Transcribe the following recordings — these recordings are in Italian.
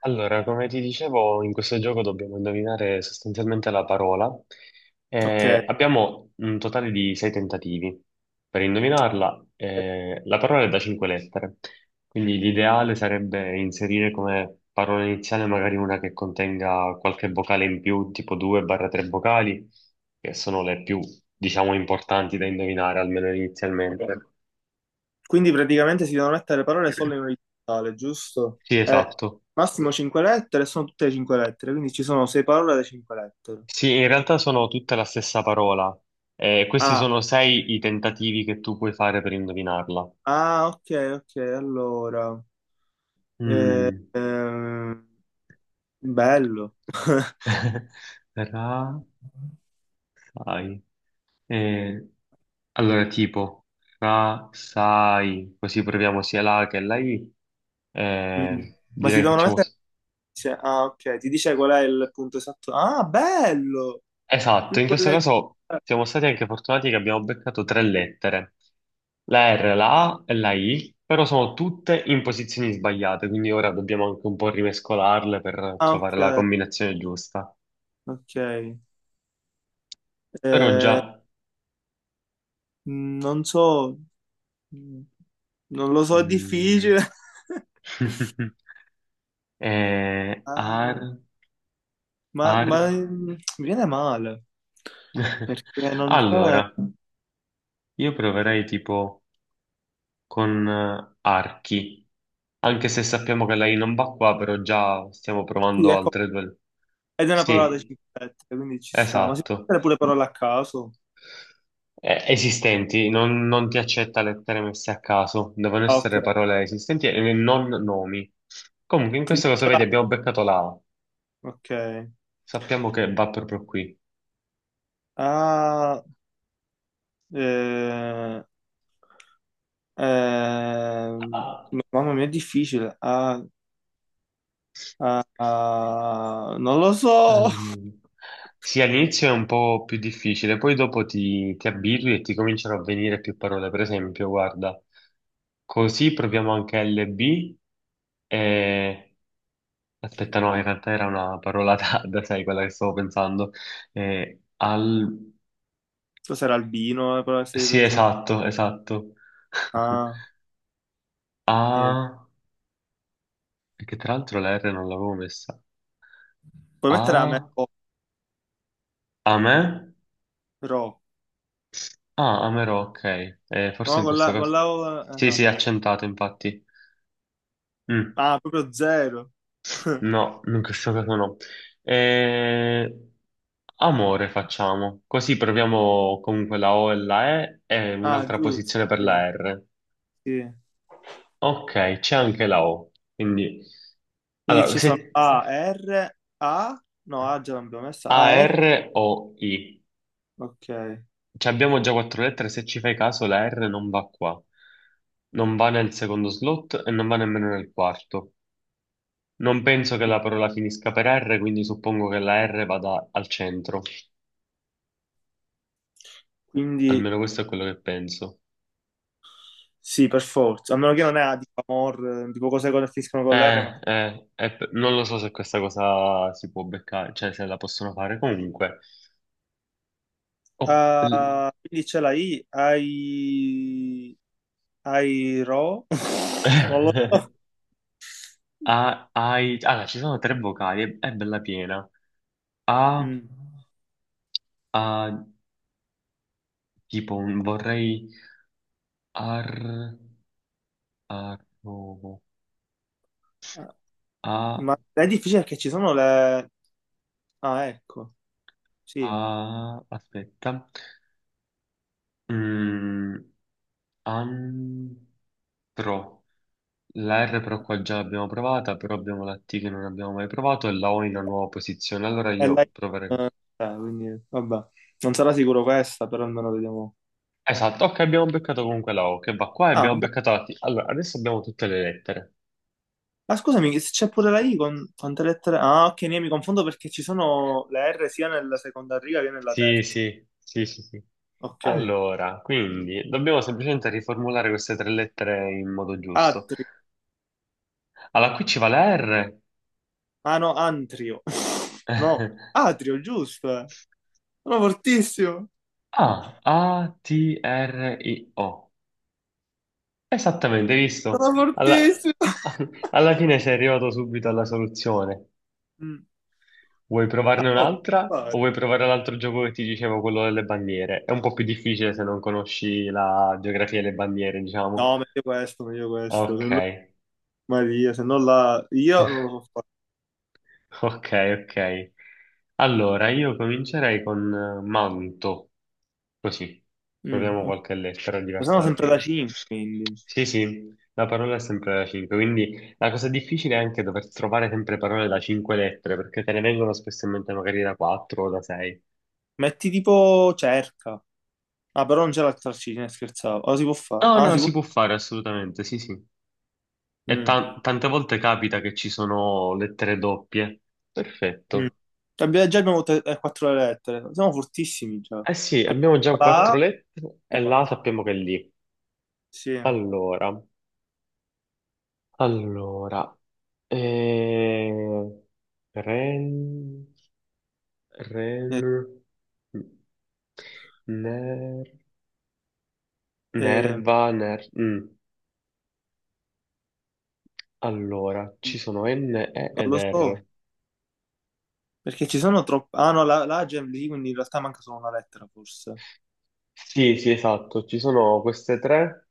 Allora, come ti dicevo, in questo gioco dobbiamo indovinare sostanzialmente la parola. Ok, Abbiamo un totale di sei tentativi per indovinarla. La parola è da cinque lettere, quindi l'ideale sarebbe inserire come parola iniziale magari una che contenga qualche vocale in più, tipo 2-3 vocali, che sono le più, diciamo, importanti da indovinare, almeno inizialmente. quindi praticamente si devono mettere parole solo in orizzontale, giusto? Sì, esatto. Massimo 5 lettere, sono tutte 5 lettere, quindi ci sono 6 parole da 5 lettere. Sì, in realtà sono tutta la stessa parola. Questi Ah, sono sei i tentativi che tu puoi fare per indovinarla. ah, ok, ok, allora. Eh, Mm. ehm, Bello. Ra, sai. Eh, allora, tipo, ra, sai, così proviamo sia la A che la I. Mm. Eh, Ma si direi che devono facciamo. mettere... insieme- Ah, ok, ti dice qual è il punto esatto. Ah, bello! Esatto, Quindi in questo quella... è... caso siamo stati anche fortunati che abbiamo beccato tre lettere, la R, la A e la I, però sono tutte in posizioni sbagliate, quindi ora dobbiamo anche un po' rimescolarle per Ah, trovare la ok, combinazione giusta. ok. Però Eh, già... Non so. Mm. Non lo so, è mm, difficile. Ah, ar, ma, ar. ma, mm, Mi viene male perché non c'è. Allora, io proverei tipo con archi. Anche se sappiamo che lei non va qua, però già stiamo Sì, provando ecco, altre due. ed è una parola da Sì, 5 lettere, quindi ci sta. Ma si può esatto. mettere pure parole a caso? Esistenti, non ti accetta lettere messe a caso, devono Ah, ok, essere parole esistenti e non nomi. Comunque, in questo quindi caso, ce vedi, l'ha. abbiamo beccato la A. Ok. Sappiamo che va proprio qui. Ah, eh, ehm, Ah. Mamma mia, è difficile. Ah, ah, ah, non lo so. Ehm, sì, all'inizio è un po' più difficile, poi dopo ti abitui e ti cominciano a venire più parole. Per esempio, guarda, così proviamo anche LB e... Aspetta, no, in realtà era una parola tarda, sai, quella che stavo pensando. Al... Cos'era albino? La parola che stavi Sì, pensando? esatto, esatto. Ah, eh, A... Che tra l'altro la R non l'avevo messa. Puoi mettere a me. A... A me? Ro. Ah, Amaro, ok. Forse No, in con questo caso... la O, Sì, esatto. sì, accentato, infatti. Mm, Ah, proprio zero. No, in questo caso no. Eh, amore facciamo. Così proviamo comunque la O e la E e Ah, un'altra giusto. posizione per Sì, la R. sì. Ok, c'è anche la O. Quindi, Quindi allora, ci sono se A, R, A. No, A già l'abbiamo messa. A, A, R. R o I. Ok. Cioè, abbiamo già quattro lettere, se ci fai caso la R non va qua. Non va nel secondo slot e non va nemmeno nel quarto. Non penso che la parola finisca per R, quindi suppongo che la R vada al centro. Quindi Almeno questo è quello che penso. sì, per forza. A meno che non è A di amor, tipo cose che finiscono con l'R. Eh, Ma... eh, eh, p- non lo so se questa cosa si può beccare, cioè se la possono fare comunque. Oh, l- Ah, quindi c'è la I. Ai... Ai Ro. Non lo so. Ah, allora, ci sono tre vocali, è bella piena. A, Mm. a, tipo, vorrei... Ar, arrovo. A, Ma è difficile perché ci sono le... Ah, ecco. Sì. a, aspetta. Mm, an... Pro. La R però qua già l'abbiamo provata, però abbiamo la T che non abbiamo mai provato e la O in una nuova posizione. Allora È la... io proverei così. Quindi, vabbè, non sarà sicuro questa, però almeno vediamo. Esatto, ok, abbiamo beccato comunque la O che va qua e Ah, abbiamo boh. beccato la T. Allora, adesso abbiamo tutte le lettere. Ma scusami, se c'è pure la I con quante lettere? Ah, ok, ne mi confondo perché ci sono le R sia nella seconda riga che nella Sì, terza. sì, sì, sì, sì. Ok. Allora, quindi dobbiamo semplicemente riformulare queste tre lettere in modo giusto. Atri. Allora, qui ci va la R. Ah no, Antrio. No, Atrio, giusto. Eh. Sono fortissimo. A, A, T, R, I, O. Esattamente, hai visto? Sono Alla, fortissimo. alla fine sei arrivato subito alla soluzione. Mm. Vuoi provarne Oh, un'altra vai. o vuoi provare l'altro gioco che ti dicevo, quello delle bandiere? È un po' più difficile se non conosci la geografia delle bandiere, diciamo. No, meglio questo, meglio questo. Se Ok. no, Maria, se no la... Io non lo so fare. Ok, ok. Allora, io comincerei con manto, così. Mm. Proviamo Ok. qualche lettera Ma sono diversa da sempre da prima. 5, quindi. Sì, sì, la parola è sempre da 5, quindi la cosa difficile è anche dover trovare sempre parole da 5 lettere, perché te ne vengono spesso in mente magari da 4 o da 6. Metti tipo cerca. Ah, però non c'è la trascina, scherzavo. Ora si può fare. No, Ah, no, si può. si può fare assolutamente, sì, sì. E Mm, tante volte capita che ci sono lettere doppie. mm. Perfetto. Abbiamo- già abbiamo te- quattro lettere. Siamo fortissimi già. Eh sì, abbiamo già La quattro A, lettere e la sappiamo che è lì. sì. Allora, allora, eh, ren, ren, Eh, ner, Non nerva, ner, mm. Allora, ci sono N, E ed lo so. R. Perché ci sono troppe... Ah, no, la A già lì, quindi in realtà manca solo una lettera, forse. Sì, sì, esatto, ci sono queste tre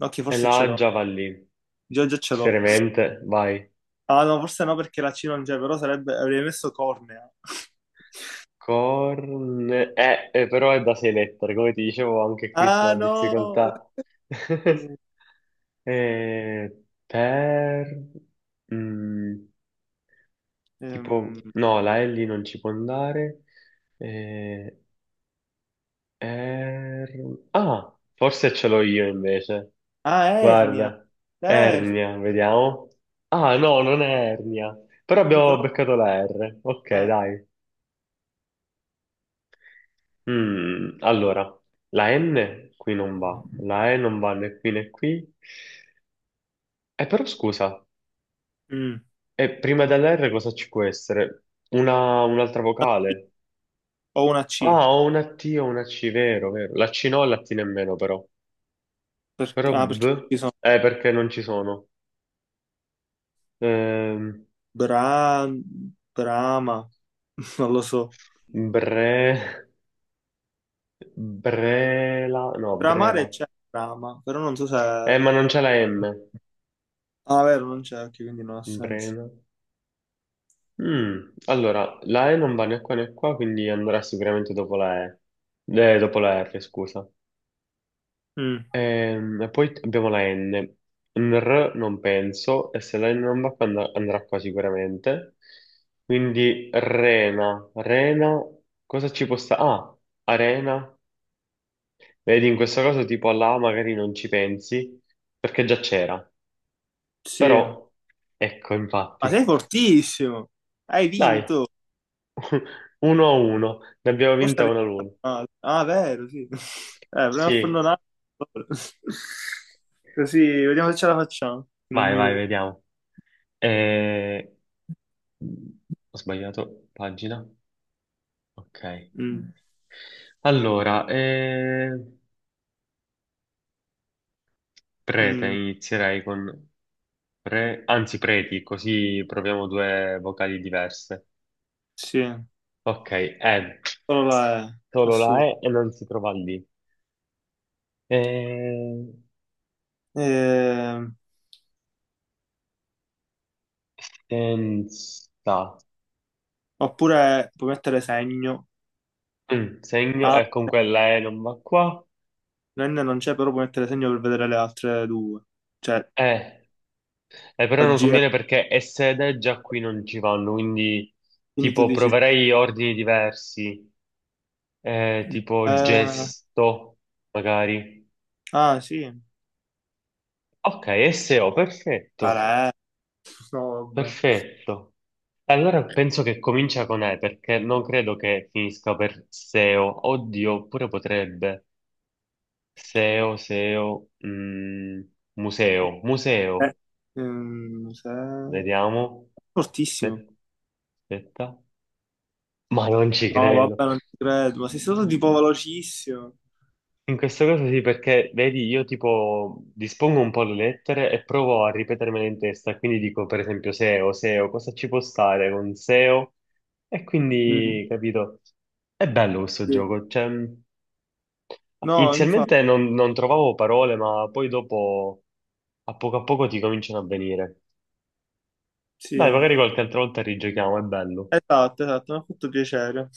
Ok, e forse la ce A l'ho. già va lì. Già, già ce l'ho. Seriamente, vai. Ah, no, forse no, perché la C non c'è, però sarebbe... Avrei messo cornea. Corn... però è da 6 lettere, come ti dicevo anche qui sta Ah, la no! difficoltà. Eh, Eh, per... mm, ehm, tipo... No, la L non ci può andare. Eh, Ah, forse ce l'ho io invece. ah, Ernia. Guarda, Eh, ernia, vediamo. Ah, no, non è ernia. Però abbiamo però... beccato la R. Ok, eh. dai. Allora, la N qui non va, la E non va né qui né qui. Però scusa, Mm. Prima dell'R cosa ci può essere? Una, un'altra vocale? Ho una C. Ah, ho una T o una C, vero, vero. La C no e la T nemmeno però. Per- Però B, perché ci sono perché non ci sono. Ehm, Bra... Brama. Non lo so. bre, brela, no, breva. Bramare c'è Brama, però non so se... Eh, Ah, ma non c'è la M. vero, non c'è anche, quindi non ha senso. Brena. Allora, la E non va né qua né qua, quindi andrà sicuramente dopo la E. Dopo la R, scusa. Mm. E poi abbiamo la N. Un R non penso, e se la N non va qua andrà qua sicuramente. Quindi Rena, Rena, cosa ci può stare? Ah, Arena. Vedi, in questa cosa tipo alla A magari non ci pensi, perché già c'era. Sì. Però, ecco, Ma infatti. sei fortissimo! Hai Dai, vinto! 1-1, ne abbiamo Forse vinta arrivi una l'una. male. Ah, vero, sì. Proviamo a farne un Sì, altro. Così, vediamo se ce la facciamo in un vai, vai, minuto. vediamo. Eh, Ho sbagliato pagina. Ok. Mm. Allora, prete, Mm. inizierei con pre, anzi preti, così proviamo due vocali diverse. Sì, Ok, ed, però là è solo la assurdo. E e non si trova lì. Eh, Ehm, senza, Oppure puoi mettere segno. Segno, e Ah, con quella E non va qua. N non c'è, però puoi mettere segno per vedere le altre due. Cioè, E. Però la non G, conviene perché è sede, già qui non ci vanno, quindi quindi tu tipo dici... proverei ordini diversi, tipo eh, gesto, magari. ah, sì. Ok, SEO, perfetto, Vabbè. No, vabbè. perfetto. Allora penso che comincia con E perché non credo che finisca per SEO. Oddio, pure potrebbe. SEO, SEO, museo, Eh, museo. Se- Vediamo. fortissimo. Aspetta. Aspetta. Ma non ci No, credo. vabbè, non ci credo. Ma sei stato tipo velocissimo. In questo caso sì, perché vedi, io tipo dispongo un po' le lettere e provo a ripetermele in testa, quindi dico per esempio SEO, SEO, cosa ci può stare con SEO? E O? E Mm, quindi, capito, è bello questo sì. gioco. Cioè, No, infatti, inizialmente non trovavo parole, ma poi dopo, a poco ti cominciano a venire. Dai, sì. magari qualche altra volta rigiochiamo, è bello. Esatto, esatto, mi ha fatto piacere.